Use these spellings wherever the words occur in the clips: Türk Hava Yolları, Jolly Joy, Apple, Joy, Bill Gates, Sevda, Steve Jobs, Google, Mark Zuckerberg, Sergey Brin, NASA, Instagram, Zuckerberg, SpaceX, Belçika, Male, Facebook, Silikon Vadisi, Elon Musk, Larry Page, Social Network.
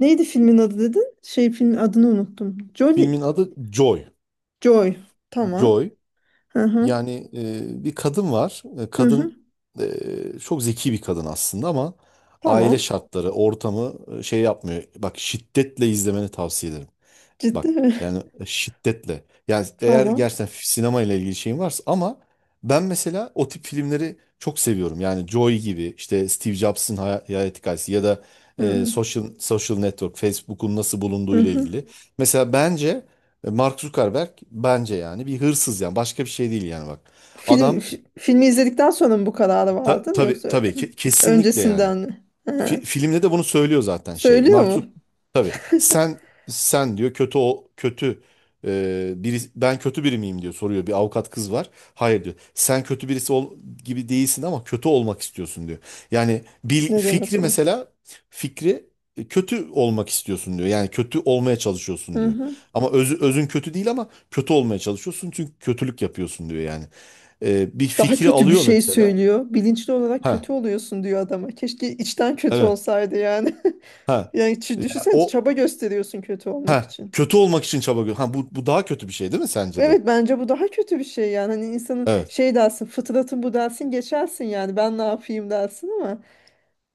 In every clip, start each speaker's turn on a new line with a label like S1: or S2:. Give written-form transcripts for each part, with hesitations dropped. S1: Neydi filmin adı dedin? Şey, filmin adını unuttum. Jolly
S2: Filmin adı Joy.
S1: Joy. Tamam.
S2: Joy.
S1: Hı hı.
S2: Yani bir kadın var.
S1: Hı hı.
S2: Kadın çok zeki bir kadın aslında ama aile
S1: Tamam.
S2: şartları, ortamı şey yapmıyor. Bak, şiddetle izlemeni tavsiye ederim.
S1: Ciddi
S2: Bak,
S1: mi?
S2: yani şiddetle. Yani eğer
S1: Tamam.
S2: gerçekten sinema ile ilgili şeyin varsa, ama ben mesela o tip filmleri çok seviyorum. Yani Joy gibi işte Steve Jobs'ın hayat hikayesi ya da
S1: Hı
S2: Social Network, Facebook'un nasıl
S1: hı.
S2: bulunduğu ile
S1: Hı.
S2: ilgili. Mesela bence Mark Zuckerberg bence yani bir hırsız, yani başka bir şey değil yani, bak.
S1: Film
S2: Adam
S1: filmi izledikten sonra mı bu kararı
S2: ta-
S1: vardın
S2: tabii
S1: yoksa
S2: tabii ki kesinlikle yani.
S1: öncesinden mi? Hı.
S2: Filmde de bunu söylüyor zaten, şey.
S1: Söylüyor
S2: Mark Zuck-
S1: mu?
S2: tabii sen diyor, kötü, o kötü, biri, ben kötü biri miyim diyor, soruyor. Bir avukat kız var. Hayır diyor. Sen kötü birisi ol, gibi değilsin ama kötü olmak istiyorsun diyor. Yani
S1: Ne demek
S2: fikri,
S1: o?
S2: mesela fikri, kötü olmak istiyorsun diyor. Yani kötü olmaya çalışıyorsun
S1: Hı
S2: diyor.
S1: hı.
S2: Ama özün kötü değil ama kötü olmaya çalışıyorsun çünkü kötülük yapıyorsun diyor yani. Bir
S1: Daha
S2: fikri
S1: kötü bir
S2: alıyor
S1: şey
S2: mesela.
S1: söylüyor. Bilinçli olarak
S2: Ha,
S1: kötü oluyorsun diyor adama. Keşke içten kötü
S2: evet.
S1: olsaydı yani.
S2: Ha.
S1: Yani düşünsene,
S2: O
S1: çaba gösteriyorsun kötü olmak
S2: Ha,
S1: için.
S2: kötü olmak için çaba gö- Ha, bu daha kötü bir şey değil mi sence de?
S1: Evet, bence bu daha kötü bir şey yani, hani insanın
S2: Evet.
S1: şey dersin, fıtratın bu dersin, geçersin yani, ben ne yapayım dersin ama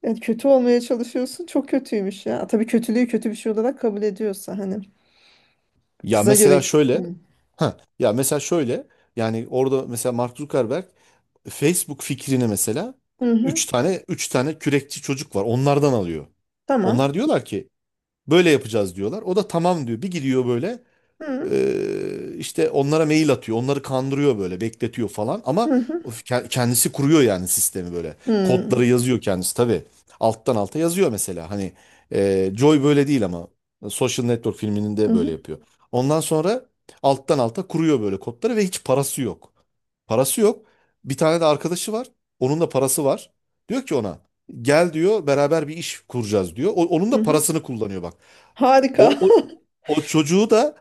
S1: yani kötü olmaya çalışıyorsun, çok kötüymüş ya. Tabii kötülüğü kötü bir şey olarak kabul ediyorsa hani,
S2: Ya
S1: kıza
S2: mesela
S1: göre.
S2: şöyle
S1: Hı
S2: ha ya mesela şöyle, yani orada mesela Mark Zuckerberg Facebook fikrini, mesela
S1: hı. Hı.
S2: üç tane kürekçi çocuk var. Onlardan alıyor. Onlar
S1: Tamam.
S2: diyorlar ki, böyle yapacağız diyorlar. O da tamam diyor. Bir gidiyor böyle.
S1: Hı
S2: İşte onlara mail atıyor. Onları kandırıyor böyle, bekletiyor falan ama
S1: hı hı.
S2: o kendisi kuruyor yani sistemi böyle.
S1: Hı
S2: Kodları yazıyor kendisi tabii. Alttan alta yazıyor mesela. Hani Joy böyle değil ama Social Network filminin
S1: hı
S2: de böyle
S1: hı.
S2: yapıyor. Ondan sonra alttan alta kuruyor böyle kodları ve hiç parası yok. Parası yok. Bir tane de arkadaşı var. Onun da parası var. Diyor ki ona, gel diyor, beraber bir iş kuracağız diyor. Onun
S1: Hı.
S2: da
S1: Hı.
S2: parasını kullanıyor, bak.
S1: Harika.
S2: O, o, o çocuğu da,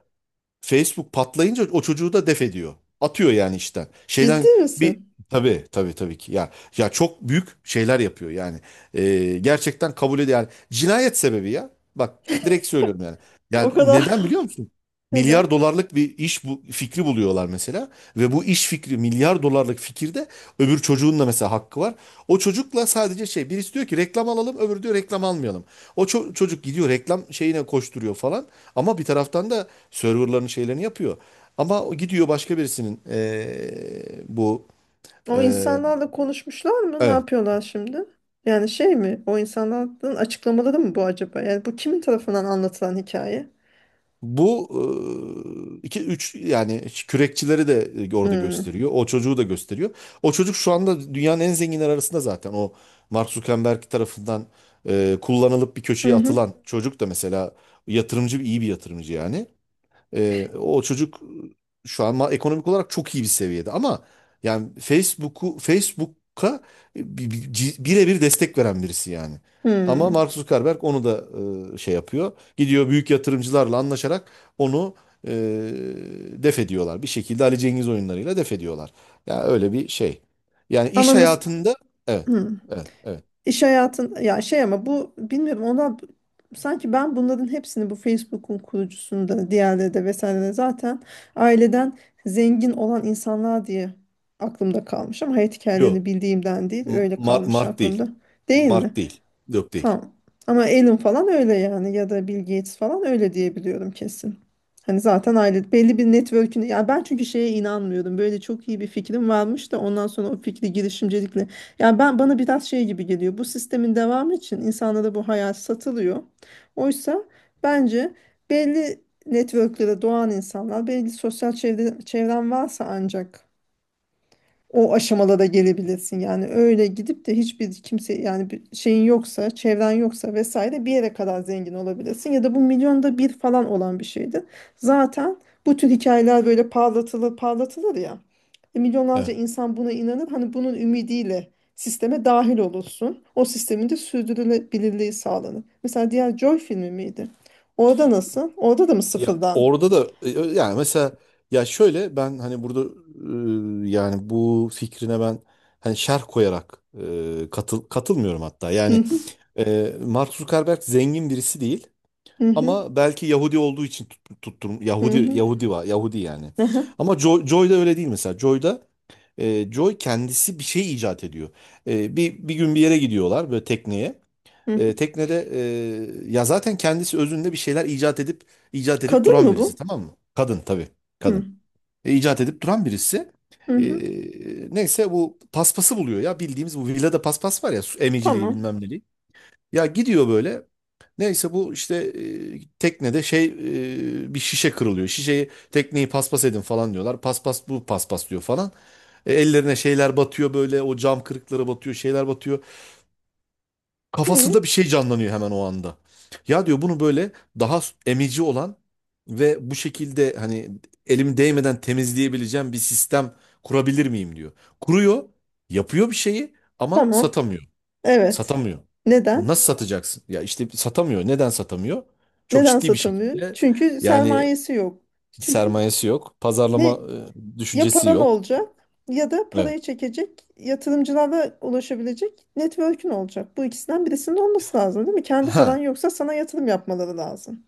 S2: Facebook patlayınca, o çocuğu da def ediyor. Atıyor yani işten.
S1: Ciddi
S2: Şeyden bir
S1: misin?
S2: tabii tabii tabii ki ya çok büyük şeyler yapıyor yani. Gerçekten kabul ediyor yani. Cinayet sebebi ya. Bak, direkt söylüyorum yani.
S1: O
S2: Yani
S1: kadar.
S2: neden biliyor musun? Milyar
S1: Neden?
S2: dolarlık bir iş bu, fikri buluyorlar mesela ve bu iş fikri milyar dolarlık fikirde, öbür çocuğun da mesela hakkı var. O çocukla sadece şey, birisi diyor ki reklam alalım, öbürü diyor reklam almayalım. O çocuk gidiyor reklam şeyine koşturuyor falan. Ama bir taraftan da serverların şeylerini yapıyor. Ama o gidiyor başka birisinin bu
S1: O
S2: eee,
S1: insanlarla konuşmuşlar mı? Ne
S2: evet,
S1: yapıyorlar şimdi? Yani şey mi? O insanların açıklamaları mı bu acaba? Yani bu kimin tarafından anlatılan hikaye?
S2: bu iki üç yani kürekçileri de orada
S1: Hmm.
S2: gösteriyor. O çocuğu da gösteriyor. O çocuk şu anda dünyanın en zenginler arasında zaten. O, Mark Zuckerberg tarafından kullanılıp bir
S1: Hı
S2: köşeye
S1: hı.
S2: atılan çocuk da mesela, yatırımcı, iyi bir yatırımcı yani. O çocuk şu an ekonomik olarak çok iyi bir seviyede ama yani Facebook'a birebir destek veren birisi yani. Ama
S1: Hmm.
S2: Mark Zuckerberg onu da şey yapıyor. Gidiyor büyük yatırımcılarla anlaşarak onu e, def ediyorlar. Bir şekilde Ali Cengiz oyunlarıyla def ediyorlar. Ya öyle bir şey. Yani
S1: Ama
S2: iş
S1: mesela
S2: hayatında, evet. Evet, evet.
S1: iş hayatın ya şey, ama bu bilmiyorum, ona sanki ben bunların hepsini, bu Facebook'un kurucusunda diğerleri de vesaire de zaten aileden zengin olan insanlar diye aklımda kalmış, ama hayat hikayelerini
S2: Yok.
S1: bildiğimden değil, öyle kalmış
S2: Mark değil.
S1: aklımda. Değil mi?
S2: Mark değil. Yok değil.
S1: Tamam. Ama Alan falan öyle yani, ya da Bill Gates falan öyle diye biliyorum kesin. Hani zaten aile belli bir network'ün, ya ben çünkü şeye inanmıyordum. Böyle çok iyi bir fikrim varmış da ondan sonra o fikri girişimcilikle. Ya ben, bana biraz şey gibi geliyor. Bu sistemin devamı için insanlara bu hayal satılıyor. Oysa bence belli network'lere doğan insanlar, belli sosyal çevre, çevren varsa ancak o aşamada da gelebilirsin. Yani öyle gidip de hiçbir kimse yani, bir şeyin yoksa, çevren yoksa vesaire, bir yere kadar zengin olabilirsin. Ya da bu milyonda bir falan olan bir şeydi. Zaten bu tür hikayeler böyle parlatılır parlatılır ya. Milyonlarca
S2: Evet.
S1: insan buna inanır. Hani bunun ümidiyle sisteme dahil olursun. O sistemin de sürdürülebilirliği sağlanır. Mesela diğer Joy filmi miydi? Orada nasıl? Orada da mı
S2: Ya
S1: sıfırdan?
S2: orada da yani mesela, ya şöyle, ben hani burada yani bu fikrine ben hani şerh koyarak katılmıyorum hatta.
S1: Hı
S2: Yani
S1: hı,
S2: Mark Zuckerberg zengin birisi değil
S1: hı hı,
S2: ama belki Yahudi olduğu için tutturum
S1: hı
S2: Yahudi,
S1: hı,
S2: Yahudi var, Yahudi yani.
S1: hı
S2: Ama Joy, Joy da öyle değil mesela. Joy da Joy kendisi bir şey icat ediyor. Bir gün bir yere gidiyorlar böyle, tekneye.
S1: hı hı.
S2: Teknede ya zaten kendisi özünde bir şeyler icat edip icat edip
S1: Kadın
S2: duran
S1: mı
S2: birisi,
S1: bu?
S2: tamam mı? Kadın tabii,
S1: Hı.
S2: kadın. İcat edip duran birisi.
S1: Hı
S2: E,
S1: hı.
S2: Neyse bu paspası buluyor ya, bildiğimiz bu villada paspas var ya, su emiciliği
S1: Tamam.
S2: bilmem neliği. Ya gidiyor böyle. Neyse bu işte teknede şey, bir şişe kırılıyor. Şişeyi, tekneyi paspas edin falan diyorlar. Paspas, bu paspas diyor falan. Ellerine şeyler batıyor böyle, o cam kırıkları batıyor, şeyler batıyor.
S1: Hı
S2: Kafasında
S1: hı.
S2: bir şey canlanıyor hemen o anda. Ya diyor, bunu böyle daha emici olan ve bu şekilde hani, elim değmeden temizleyebileceğim bir sistem kurabilir miyim diyor. Kuruyor, yapıyor bir şeyi ama
S1: Tamam.
S2: satamıyor.
S1: Evet.
S2: Satamıyor. Bu
S1: Neden?
S2: nasıl satacaksın? Ya işte satamıyor. Neden satamıyor? Çok
S1: Neden
S2: ciddi bir
S1: satamıyor?
S2: şekilde
S1: Çünkü
S2: yani
S1: sermayesi yok. Çünkü
S2: sermayesi yok, pazarlama
S1: ne, ya
S2: düşüncesi
S1: paran
S2: yok.
S1: olacak ya da
S2: Evet.
S1: parayı çekecek yatırımcılara ulaşabilecek network'ün olacak. Bu ikisinden birisinin olması lazım, değil mi? Kendi paran
S2: Ha,
S1: yoksa sana yatırım yapmaları lazım.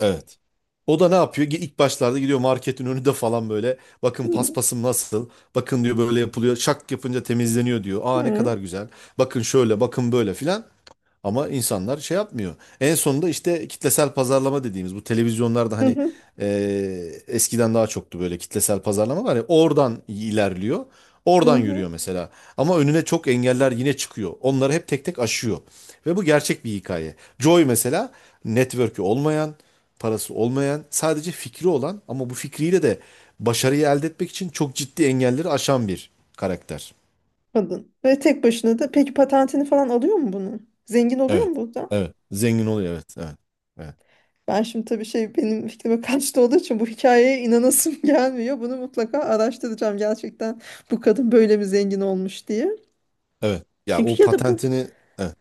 S2: evet. O da ne yapıyor? İlk başlarda gidiyor marketin önünde falan böyle. Bakın
S1: Hı
S2: paspasım nasıl? Bakın diyor, böyle yapılıyor. Şak yapınca temizleniyor diyor. Aa, ne
S1: hı.
S2: kadar güzel. Bakın şöyle, bakın böyle filan. Ama insanlar şey yapmıyor. En sonunda işte kitlesel pazarlama dediğimiz bu televizyonlarda,
S1: Hı
S2: hani,
S1: hı.
S2: e, eskiden daha çoktu böyle, kitlesel pazarlama var ya, oradan ilerliyor.
S1: Hı
S2: Oradan
S1: hı.
S2: yürüyor mesela. Ama önüne çok engeller yine çıkıyor. Onları hep tek tek aşıyor. Ve bu gerçek bir hikaye. Joy mesela network'ü olmayan, parası olmayan, sadece fikri olan ama bu fikriyle de başarıyı elde etmek için çok ciddi engelleri aşan bir karakter.
S1: Kadın. Ve tek başına da, peki patentini falan alıyor mu bunun? Zengin oluyor
S2: Evet.
S1: mu burada?
S2: Evet. Zengin oluyor. Evet. Evet. Evet.
S1: Ben şimdi tabii şey, benim fikrime kaçtı olduğu için bu hikayeye inanasım gelmiyor. Bunu mutlaka araştıracağım gerçekten, bu kadın böyle mi zengin olmuş diye.
S2: Evet. Ya o
S1: Çünkü ya da bu
S2: patentini, evet.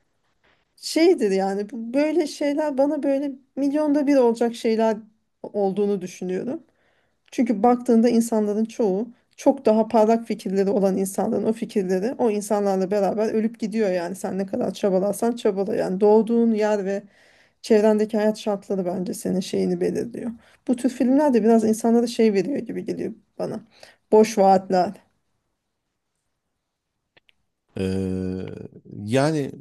S1: şeydir yani, bu böyle şeyler bana böyle milyonda bir olacak şeyler olduğunu düşünüyorum. Çünkü baktığında insanların çoğu, çok daha parlak fikirleri olan insanların o fikirleri o insanlarla beraber ölüp gidiyor yani. Sen ne kadar çabalarsan çabala yani, doğduğun yer ve çevrendeki hayat şartları bence senin şeyini belirliyor. Bu tür filmler de biraz insanlara şey veriyor gibi geliyor bana. Boş vaatler.
S2: Ee, Yani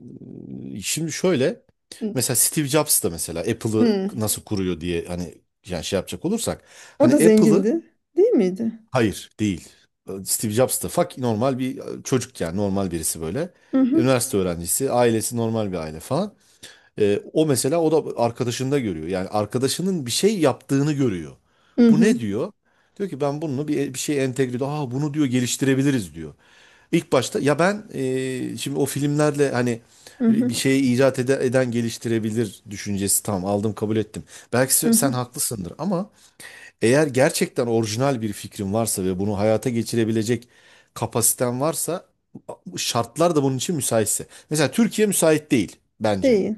S2: şimdi şöyle,
S1: Hı.
S2: mesela Steve Jobs da mesela Apple'ı
S1: Hı.
S2: nasıl kuruyor diye, hani yani şey yapacak olursak
S1: O
S2: hani
S1: da
S2: Apple'ı,
S1: zengindi, değil miydi?
S2: hayır değil. Steve Jobs da normal bir çocuk, yani normal birisi böyle.
S1: Hı hı.
S2: Üniversite öğrencisi, ailesi normal bir aile falan. O mesela, o da arkadaşında görüyor. Yani arkadaşının bir şey yaptığını görüyor.
S1: Hı
S2: Bu ne
S1: hı.
S2: diyor? Diyor ki, ben bunu bir şey entegre ediyor. Aa, bunu diyor geliştirebiliriz diyor. İlk başta ya ben şimdi o filmlerle, hani
S1: Hı
S2: bir
S1: hı.
S2: şeyi eden geliştirebilir düşüncesi, tamam aldım, kabul ettim. Belki
S1: Hı
S2: sen
S1: hı.
S2: haklısındır ama eğer gerçekten orijinal bir fikrin varsa ve bunu hayata geçirebilecek kapasiten varsa, şartlar da bunun için müsaitse. Mesela Türkiye müsait değil bence.
S1: Değil.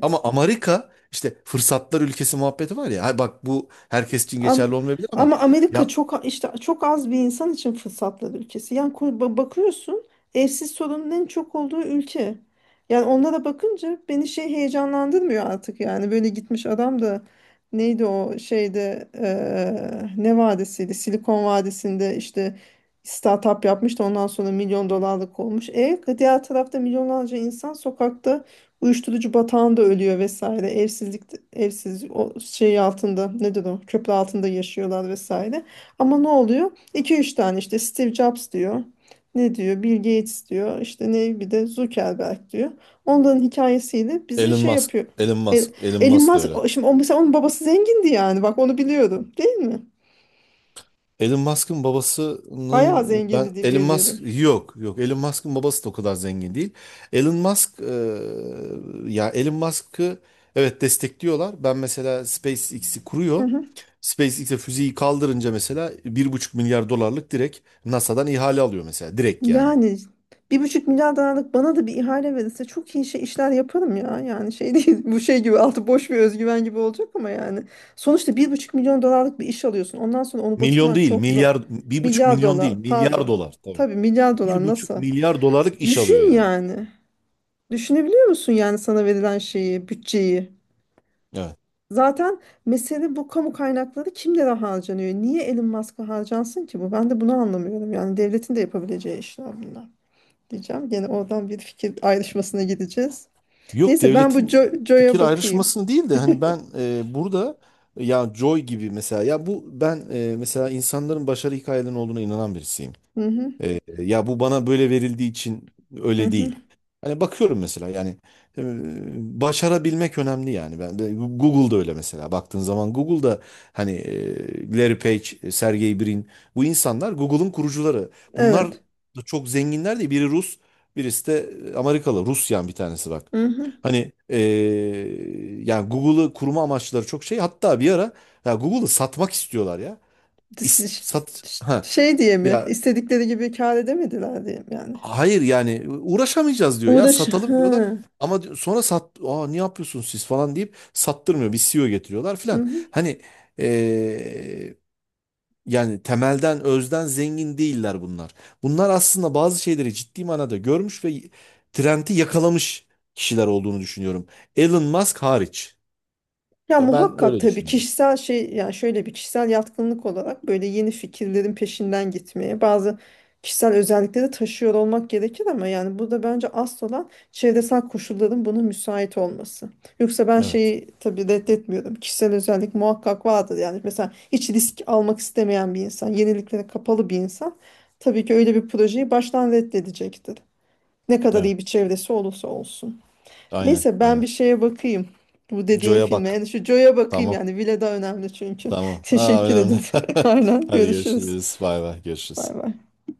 S2: Ama Amerika işte fırsatlar ülkesi muhabbeti var ya. Ha, bak, bu herkes için
S1: Am
S2: geçerli olmayabilir ama
S1: Ama Amerika
S2: ya
S1: çok işte, çok az bir insan için fırsatlar ülkesi. Yani bakıyorsun, evsiz sorunun en çok olduğu ülke. Yani onlara bakınca beni şey heyecanlandırmıyor artık yani, böyle gitmiş adam da neydi o şeyde ne vadisiydi, Silikon Vadisi'nde işte startup yapmış da ondan sonra milyon dolarlık olmuş. E, diğer tarafta milyonlarca insan sokakta uyuşturucu batağında ölüyor vesaire. Evsizlik, evsiz, o şey altında nedir, o köprü altında yaşıyorlar vesaire. Ama ne oluyor? 2 üç tane işte Steve Jobs diyor. Ne diyor? Bill Gates diyor. İşte ne, bir de Zuckerberg diyor. Onların hikayesiyle bizi
S2: Elon
S1: şey
S2: Musk,
S1: yapıyor.
S2: Elon
S1: E,
S2: Musk, Elon
S1: Elon
S2: Musk da
S1: Musk
S2: öyle.
S1: şimdi o, mesela onun babası zengindi yani. Bak, onu biliyorum. Değil mi? Bayağı zengindi diye biliyorum.
S2: Elon Musk'ın babası da o kadar zengin değil. Elon Musk ya Elon Musk'ı, evet, destekliyorlar. Ben mesela SpaceX'i
S1: Hı
S2: kuruyor.
S1: hı.
S2: SpaceX'e füzeyi kaldırınca mesela 1,5 milyar dolarlık direkt NASA'dan ihale alıyor mesela, direkt yani.
S1: Yani 1,5 milyar dolarlık bana da bir ihale verirse çok iyi şey, işler yaparım ya. Yani şey değil bu, şey gibi altı boş bir özgüven gibi olacak ama yani. Sonuçta 1,5 milyon dolarlık bir iş alıyorsun. Ondan sonra onu
S2: Milyon
S1: batırman
S2: değil
S1: çok zor.
S2: milyar, bir buçuk
S1: Milyar
S2: milyon değil
S1: dolar,
S2: milyar
S1: pardon.
S2: dolar tabii.
S1: Tabii milyar
S2: Bir
S1: dolar,
S2: buçuk
S1: nasıl?
S2: milyar dolarlık iş alıyor
S1: Düşün
S2: yani.
S1: yani. Düşünebiliyor musun yani sana verilen şeyi, bütçeyi?
S2: Evet.
S1: Zaten mesele bu, kamu kaynakları kimlere harcanıyor? Niye Elon Musk'a harcansın ki bu? Ben de bunu anlamıyorum. Yani devletin de yapabileceği işler bunlar diyeceğim. Gene oradan bir fikir ayrışmasına gideceğiz.
S2: Yok,
S1: Neyse, ben bu
S2: devletin fikir
S1: Jo'ya bakayım.
S2: ayrışmasını değil de, hani ben burada, ya Joy gibi mesela, ya bu ben mesela insanların başarı hikayelerinin olduğuna inanan birisiyim.
S1: Hı hı,
S2: Ya bu bana böyle verildiği için
S1: hı
S2: öyle
S1: hı.
S2: değil. Hani bakıyorum mesela yani e, başarabilmek önemli yani. Ben de Google'da öyle, mesela baktığın zaman Google'da hani Larry Page, Sergey Brin, bu insanlar Google'ın kurucuları. Bunlar
S1: Evet.
S2: da çok zenginler değil. Biri Rus, birisi de Amerikalı. Rusyan bir tanesi, bak.
S1: Hı hı.
S2: Hani yani Google'ı kurma amaçları çok şey. Hatta bir ara ya Google'ı satmak istiyorlar ya.
S1: Dis-
S2: İst-
S1: ş-
S2: sat ha
S1: Şey diye mi?
S2: ya
S1: İstedikleri gibi kâr edemediler diye mi yani?
S2: Hayır yani, uğraşamayacağız diyor, ya
S1: Uğraş.
S2: satalım diyorlar.
S1: Hı.
S2: Sonra aa, ne yapıyorsunuz siz falan deyip sattırmıyor. Bir CEO getiriyorlar
S1: Hı
S2: filan.
S1: hı.
S2: Hani eee, yani temelden özden zengin değiller bunlar. Bunlar aslında bazı şeyleri ciddi manada görmüş ve trendi yakalamış kişiler olduğunu düşünüyorum. Elon Musk hariç.
S1: Ya
S2: Ya ben
S1: muhakkak
S2: öyle
S1: tabii
S2: düşünüyorum.
S1: kişisel şey yani, şöyle bir kişisel yatkınlık olarak böyle yeni fikirlerin peşinden gitmeye bazı kişisel özellikleri taşıyor olmak gerekir, ama yani burada bence asıl olan çevresel koşulların buna müsait olması. Yoksa ben
S2: Evet.
S1: şeyi tabii reddetmiyorum. Kişisel özellik muhakkak vardır yani, mesela hiç risk almak istemeyen bir insan, yeniliklere kapalı bir insan tabii ki öyle bir projeyi baştan reddedecektir. Ne kadar
S2: Evet.
S1: iyi bir çevresi olursa olsun.
S2: Aynen.
S1: Neyse, ben bir
S2: Aynen.
S1: şeye bakayım. Bu dediğin
S2: Joe'ya
S1: filme.
S2: bak.
S1: Yani şu Joe'ya bakayım
S2: Tamam.
S1: yani. Vile daha önemli çünkü.
S2: Tamam. Aa,
S1: Teşekkür
S2: önemli.
S1: ederim. Aynen,
S2: Hadi
S1: görüşürüz.
S2: görüşürüz. Bay bay.
S1: Bay
S2: Görüşürüz.
S1: bay.